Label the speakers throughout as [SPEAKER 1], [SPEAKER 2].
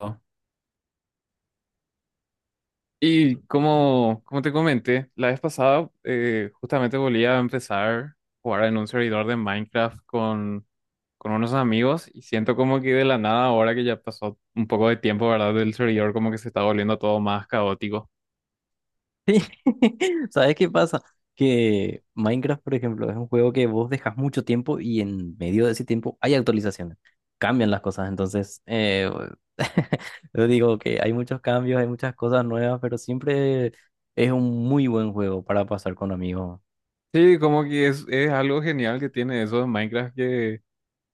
[SPEAKER 1] ¿No? Y como te comenté la vez pasada, justamente volví a empezar a jugar en un servidor de Minecraft con unos amigos, y siento como que de la nada, ahora que ya pasó un poco de tiempo, ¿verdad? Del servidor, como que se está volviendo todo más caótico.
[SPEAKER 2] Sí, ¿sabes qué pasa? Que Minecraft, por ejemplo, es un juego que vos dejas mucho tiempo y en medio de ese tiempo hay actualizaciones, cambian las cosas, entonces, yo digo que hay muchos cambios, hay muchas cosas nuevas, pero siempre es un muy buen juego para pasar con amigos.
[SPEAKER 1] Sí, como que es algo genial que tiene eso de Minecraft, que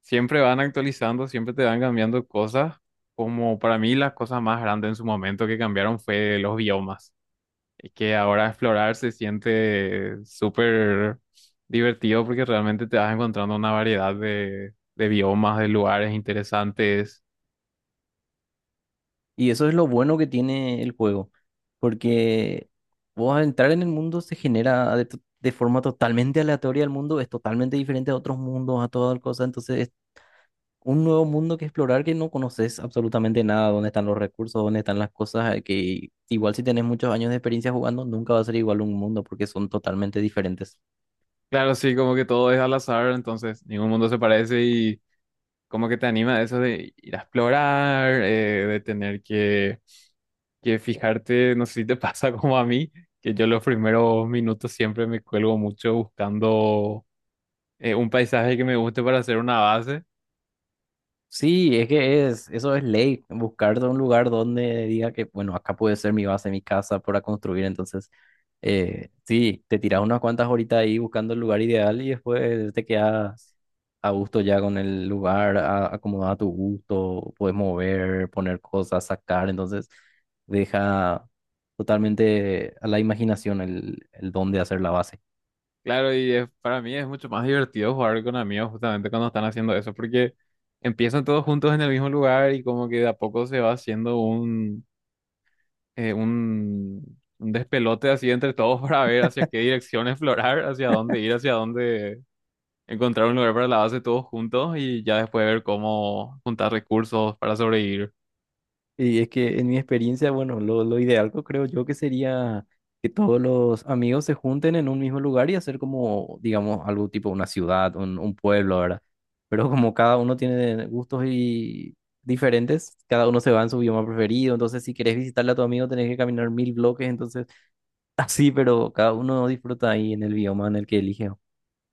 [SPEAKER 1] siempre van actualizando, siempre te van cambiando cosas. Como para mí las cosas más grandes en su momento que cambiaron fue los biomas. Es que ahora explorar se siente súper divertido, porque realmente te vas encontrando una variedad de biomas, de lugares interesantes.
[SPEAKER 2] Y eso es lo bueno que tiene el juego, porque vos al entrar en el mundo se genera de forma totalmente aleatoria el mundo, es totalmente diferente a otros mundos, a todas cosas, entonces un nuevo mundo que explorar que no conoces absolutamente nada, dónde están los recursos, dónde están las cosas, que igual si tenés muchos años de experiencia jugando, nunca va a ser igual un mundo porque son totalmente diferentes.
[SPEAKER 1] Claro, sí, como que todo es al azar, entonces ningún mundo se parece, y como que te anima eso de ir a explorar, de tener que fijarte, no sé si te pasa como a mí, que yo los primeros minutos siempre me cuelgo mucho buscando un paisaje que me guste para hacer una base.
[SPEAKER 2] Sí, eso es ley, buscar de un lugar donde diga que, bueno, acá puede ser mi base, mi casa para construir, entonces, sí, te tiras unas cuantas horitas ahí buscando el lugar ideal y después te quedas a gusto ya con el lugar, acomodado a tu gusto, puedes mover, poner cosas, sacar, entonces deja totalmente a la imaginación el dónde hacer la base.
[SPEAKER 1] Claro, y para mí es mucho más divertido jugar con amigos justamente cuando están haciendo eso, porque empiezan todos juntos en el mismo lugar, y como que de a poco se va haciendo eh, un, un despelote así entre todos para ver hacia qué dirección explorar, hacia dónde ir, hacia dónde encontrar un lugar para la base todos juntos, y ya después ver cómo juntar recursos para sobrevivir.
[SPEAKER 2] Y es que en mi experiencia, bueno, lo ideal que creo yo que sería que todos los amigos se junten en un mismo lugar y hacer como, digamos, algo tipo una ciudad, un pueblo, ¿verdad? Pero como cada uno tiene gustos y diferentes, cada uno se va en su bioma preferido, entonces si querés visitarle a tu amigo tenés que caminar 1000 bloques, entonces así, pero cada uno disfruta ahí en el bioma en el que elige.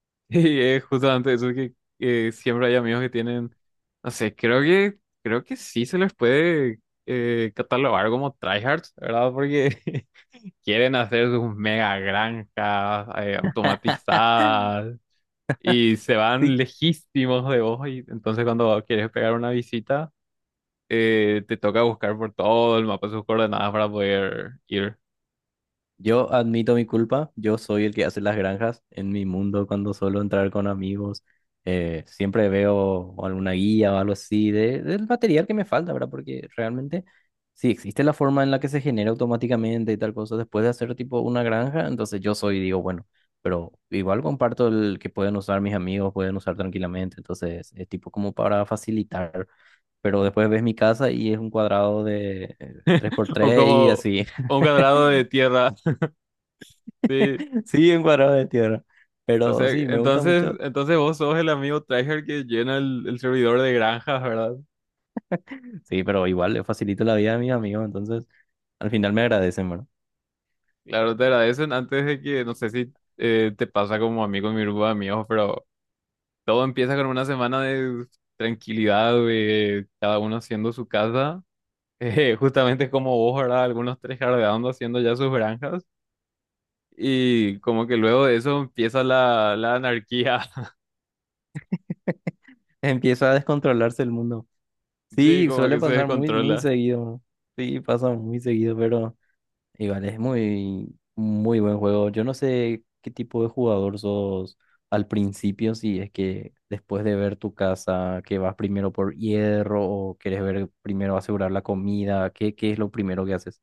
[SPEAKER 1] Y es justamente eso que siempre hay amigos que tienen, no sé, creo que sí se les puede catalogar como tryhards, ¿verdad? Porque quieren hacer sus mega granjas automatizadas, y se van
[SPEAKER 2] Sí.
[SPEAKER 1] lejísimos de vos, y entonces cuando quieres pegar una visita, te toca buscar por todo el mapa sus coordenadas para poder ir.
[SPEAKER 2] Yo admito mi culpa, yo soy el que hace las granjas en mi mundo cuando suelo entrar con amigos. Siempre veo alguna guía o algo así del material que me falta, ¿verdad? Porque realmente, si existe la forma en la que se genera automáticamente y tal cosa después de hacer tipo una granja, entonces yo soy, digo, bueno, pero igual comparto el que pueden usar mis amigos, pueden usar tranquilamente, entonces es tipo como para facilitar. Pero después ves mi casa y es un cuadrado de
[SPEAKER 1] O
[SPEAKER 2] 3x3 y
[SPEAKER 1] como
[SPEAKER 2] así.
[SPEAKER 1] un cuadrado de tierra, sí.
[SPEAKER 2] Sí, un cuadrado de tierra.
[SPEAKER 1] O
[SPEAKER 2] Pero
[SPEAKER 1] sea,
[SPEAKER 2] sí, me gusta
[SPEAKER 1] entonces,
[SPEAKER 2] mucho.
[SPEAKER 1] entonces vos sos el amigo tryhard que llena el servidor de granjas, ¿verdad?
[SPEAKER 2] Sí, pero igual le facilito la vida a mis amigos, entonces al final me agradecen, ¿verdad?
[SPEAKER 1] Claro, te agradecen antes de que, no sé si te pasa como a mí con mi grupo de amigos, pero todo empieza con una semana de tranquilidad, de cada uno haciendo su casa, justamente como vos, ¿verdad? Algunos tryhardeando, haciendo ya sus granjas. Y como que luego de eso empieza la anarquía.
[SPEAKER 2] Empieza a descontrolarse el mundo.
[SPEAKER 1] Sí,
[SPEAKER 2] Sí,
[SPEAKER 1] como
[SPEAKER 2] suele
[SPEAKER 1] que se
[SPEAKER 2] pasar muy, muy
[SPEAKER 1] descontrola.
[SPEAKER 2] seguido. Sí, pasa muy seguido, pero igual es muy, muy buen juego. Yo no sé qué tipo de jugador sos al principio, si es que después de ver tu casa, que vas primero por hierro o quieres ver primero asegurar la comida, ¿ qué es lo primero que haces?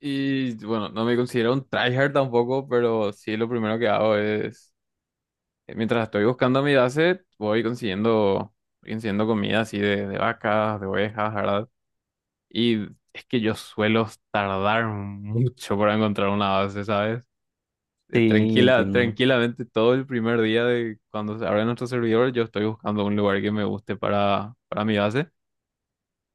[SPEAKER 1] Y bueno, no me considero un tryhard tampoco, pero sí lo primero que hago es, mientras estoy buscando mi base, voy consiguiendo comida así de vacas, de ovejas, ¿verdad? Y es que yo suelo tardar mucho para encontrar una base, ¿sabes?
[SPEAKER 2] Sí, entiendo.
[SPEAKER 1] Tranquilamente todo el primer día de cuando se abre nuestro servidor, yo estoy buscando un lugar que me guste para mi base.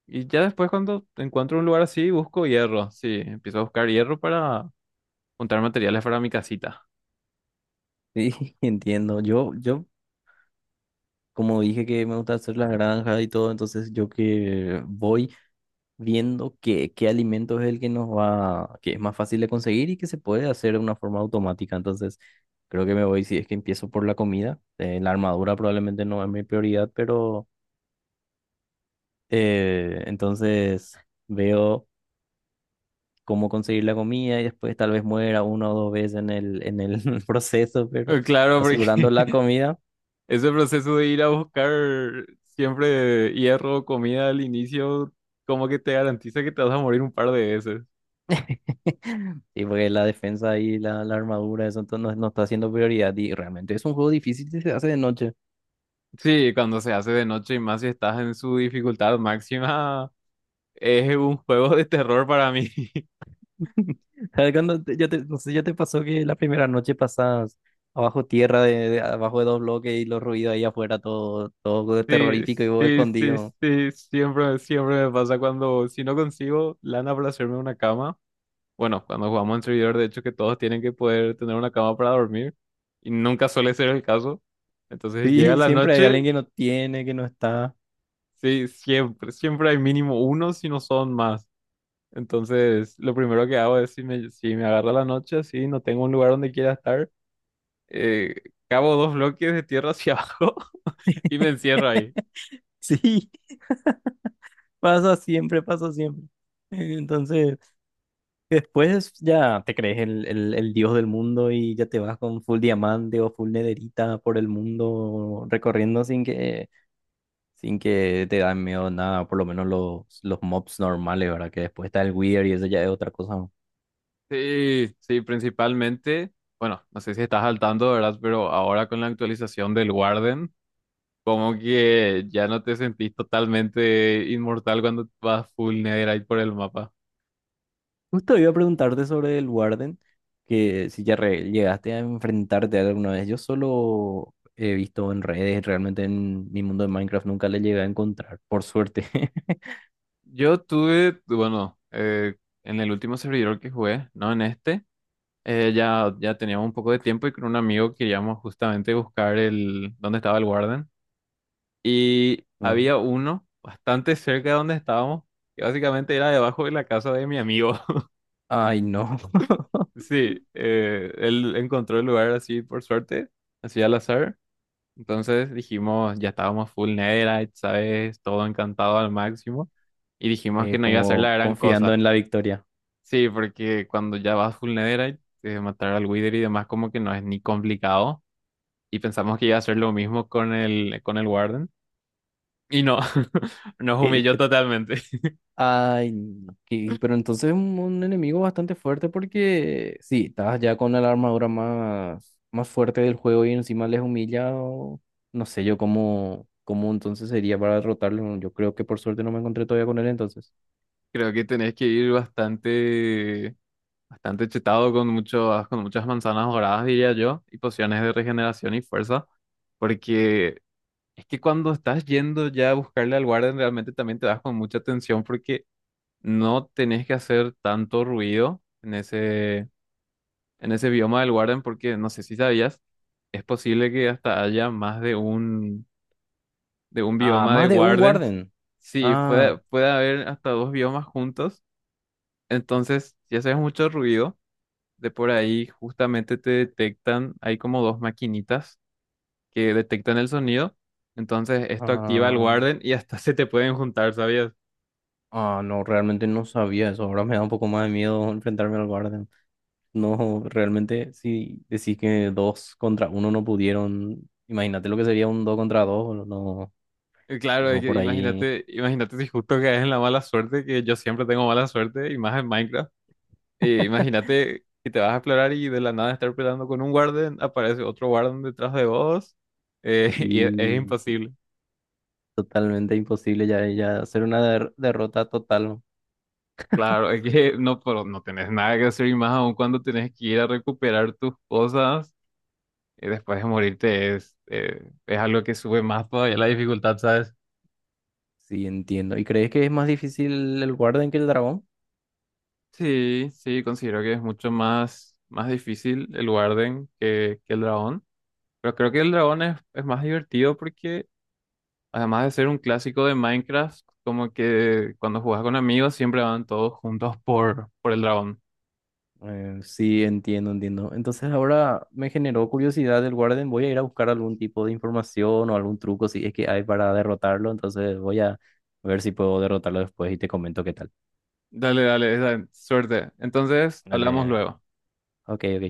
[SPEAKER 1] Y ya después, cuando encuentro un lugar así, busco hierro. Sí, empiezo a buscar hierro para juntar materiales para mi casita.
[SPEAKER 2] Sí, entiendo. Yo, como dije que me gusta hacer las granjas y todo, entonces yo que voy viendo qué alimento es el que nos va, que es más fácil de conseguir y que se puede hacer de una forma automática. Entonces, creo que me voy, si es que empiezo por la comida. La armadura probablemente no es mi prioridad, pero entonces veo cómo conseguir la comida y después tal vez muera una o dos veces en en el proceso, pero
[SPEAKER 1] Claro,
[SPEAKER 2] asegurando
[SPEAKER 1] porque
[SPEAKER 2] la comida.
[SPEAKER 1] ese proceso de ir a buscar siempre hierro o comida al inicio, como que te garantiza que te vas a morir un par de veces.
[SPEAKER 2] Y porque la defensa y la armadura, eso entonces no, no está siendo prioridad. Y realmente es un juego difícil si se hace de noche.
[SPEAKER 1] Sí, cuando se hace de noche, y más si estás en su dificultad máxima, es un juego de terror para mí.
[SPEAKER 2] ¿Sabes cuando no sé, ya te pasó que la primera noche pasas abajo tierra, abajo de dos bloques y los ruidos ahí afuera, todo, todo
[SPEAKER 1] Sí,
[SPEAKER 2] terrorífico y vos escondido?
[SPEAKER 1] sí, siempre, siempre me pasa cuando, si no consigo lana para hacerme una cama. Bueno, cuando jugamos en servidor, de hecho, que todos tienen que poder tener una cama para dormir. Y nunca suele ser el caso. Entonces llega
[SPEAKER 2] Sí,
[SPEAKER 1] la
[SPEAKER 2] siempre hay alguien
[SPEAKER 1] noche,
[SPEAKER 2] que no tiene, que no está.
[SPEAKER 1] sí, siempre, siempre hay mínimo uno, si no son más. Entonces, lo primero que hago es, si si me agarra la noche, sí, no tengo un lugar donde quiera estar, eh, cavo dos bloques de tierra hacia abajo y me encierro ahí.
[SPEAKER 2] Sí, pasa siempre, pasa siempre. Entonces. Y después ya te crees el dios del mundo y ya te vas con full diamante o full nederita por el mundo recorriendo sin que te dan miedo nada, por lo menos los mobs normales, ¿verdad? Que después está el weird y eso ya es otra cosa. ¿No?
[SPEAKER 1] Sí, sí, principalmente, bueno, no sé si estás al tanto, ¿verdad? Pero ahora con la actualización del Warden, como que ya no te sentís totalmente inmortal cuando vas full netherite por el mapa.
[SPEAKER 2] Justo iba a preguntarte sobre el Warden, que si ya llegaste a enfrentarte a él alguna vez. Yo solo he visto en redes, realmente en mi mundo de Minecraft nunca le llegué a encontrar, por suerte.
[SPEAKER 1] Yo tuve, bueno, en el último servidor que jugué, no en este, ya teníamos un poco de tiempo, y con un amigo queríamos justamente buscar el, dónde estaba el Warden. Y
[SPEAKER 2] Ujú.
[SPEAKER 1] había uno bastante cerca de donde estábamos, que básicamente era debajo de la casa de mi amigo.
[SPEAKER 2] Ay, no.
[SPEAKER 1] Sí, él encontró el lugar así por suerte, así al azar. Entonces dijimos, ya estábamos full Netherite, ¿sabes? Todo encantado al máximo. Y dijimos que
[SPEAKER 2] Es
[SPEAKER 1] no iba a ser
[SPEAKER 2] como
[SPEAKER 1] la gran
[SPEAKER 2] confiando
[SPEAKER 1] cosa.
[SPEAKER 2] en la victoria.
[SPEAKER 1] Sí, porque cuando ya vas full Netherite, matar al Wither y demás, como que no es ni complicado. Y pensamos que iba a ser lo mismo con el Warden. Y no, nos
[SPEAKER 2] Que-
[SPEAKER 1] humilló
[SPEAKER 2] que-
[SPEAKER 1] totalmente.
[SPEAKER 2] Ay, no, pero entonces un enemigo bastante fuerte porque sí, estás ya con la armadura más, más fuerte del juego y encima les humilla. No sé yo cómo, cómo entonces sería para derrotarlo. Yo creo que por suerte no me encontré todavía con él entonces.
[SPEAKER 1] Creo que tenés que ir bastante chetado con con muchas manzanas doradas, diría yo, y pociones de regeneración y fuerza. Porque es que cuando estás yendo ya a buscarle al guardia, realmente también te das con mucha atención, porque no tenés que hacer tanto ruido en ese bioma del guardián, porque no sé si sabías, es posible que hasta haya más de de un
[SPEAKER 2] Ah,
[SPEAKER 1] bioma de
[SPEAKER 2] más de un
[SPEAKER 1] guardians.
[SPEAKER 2] Warden.
[SPEAKER 1] Sí,
[SPEAKER 2] Ah,
[SPEAKER 1] puede haber hasta dos biomas juntos. Entonces, si haces mucho ruido, de por ahí justamente te detectan, hay como dos maquinitas que detectan el sonido. Entonces esto activa el
[SPEAKER 2] ah,
[SPEAKER 1] Warden y hasta se te pueden juntar, ¿sabías?
[SPEAKER 2] ah, no, realmente no sabía eso. Ahora me da un poco más de miedo enfrentarme al Warden. No, realmente si decís que dos contra uno no pudieron, imagínate lo que sería un dos contra dos, no,
[SPEAKER 1] Y claro, es
[SPEAKER 2] yo
[SPEAKER 1] que
[SPEAKER 2] por ahí
[SPEAKER 1] imagínate si justo caes en la mala suerte, que yo siempre tengo mala suerte, y más en Minecraft. Imagínate que te vas a explorar y de la nada, estar peleando con un Warden, aparece otro Warden detrás de vos, y es
[SPEAKER 2] y
[SPEAKER 1] imposible.
[SPEAKER 2] totalmente imposible ya, ya hacer una derrota total,
[SPEAKER 1] Claro, es que no, pero no tenés nada que hacer, y más aún cuando tenés que ir a recuperar tus cosas, y después de morirte es algo que sube más todavía la dificultad, ¿sabes?
[SPEAKER 2] sí entiendo. ¿Y crees que es más difícil el Warden que el dragón?
[SPEAKER 1] Sí, sí, considero que es mucho más difícil el Warden que el dragón. Pero creo que el dragón es más divertido porque, además de ser un clásico de Minecraft, como que cuando juegas con amigos, siempre van todos juntos por el dragón.
[SPEAKER 2] Sí, entiendo, entiendo. Entonces ahora me generó curiosidad el Warden, voy a ir a buscar algún tipo de información o algún truco si es que hay para derrotarlo, entonces voy a ver si puedo derrotarlo después y te comento qué tal.
[SPEAKER 1] Dale, suerte. Entonces, hablamos
[SPEAKER 2] Dale,
[SPEAKER 1] luego.
[SPEAKER 2] ok, ok.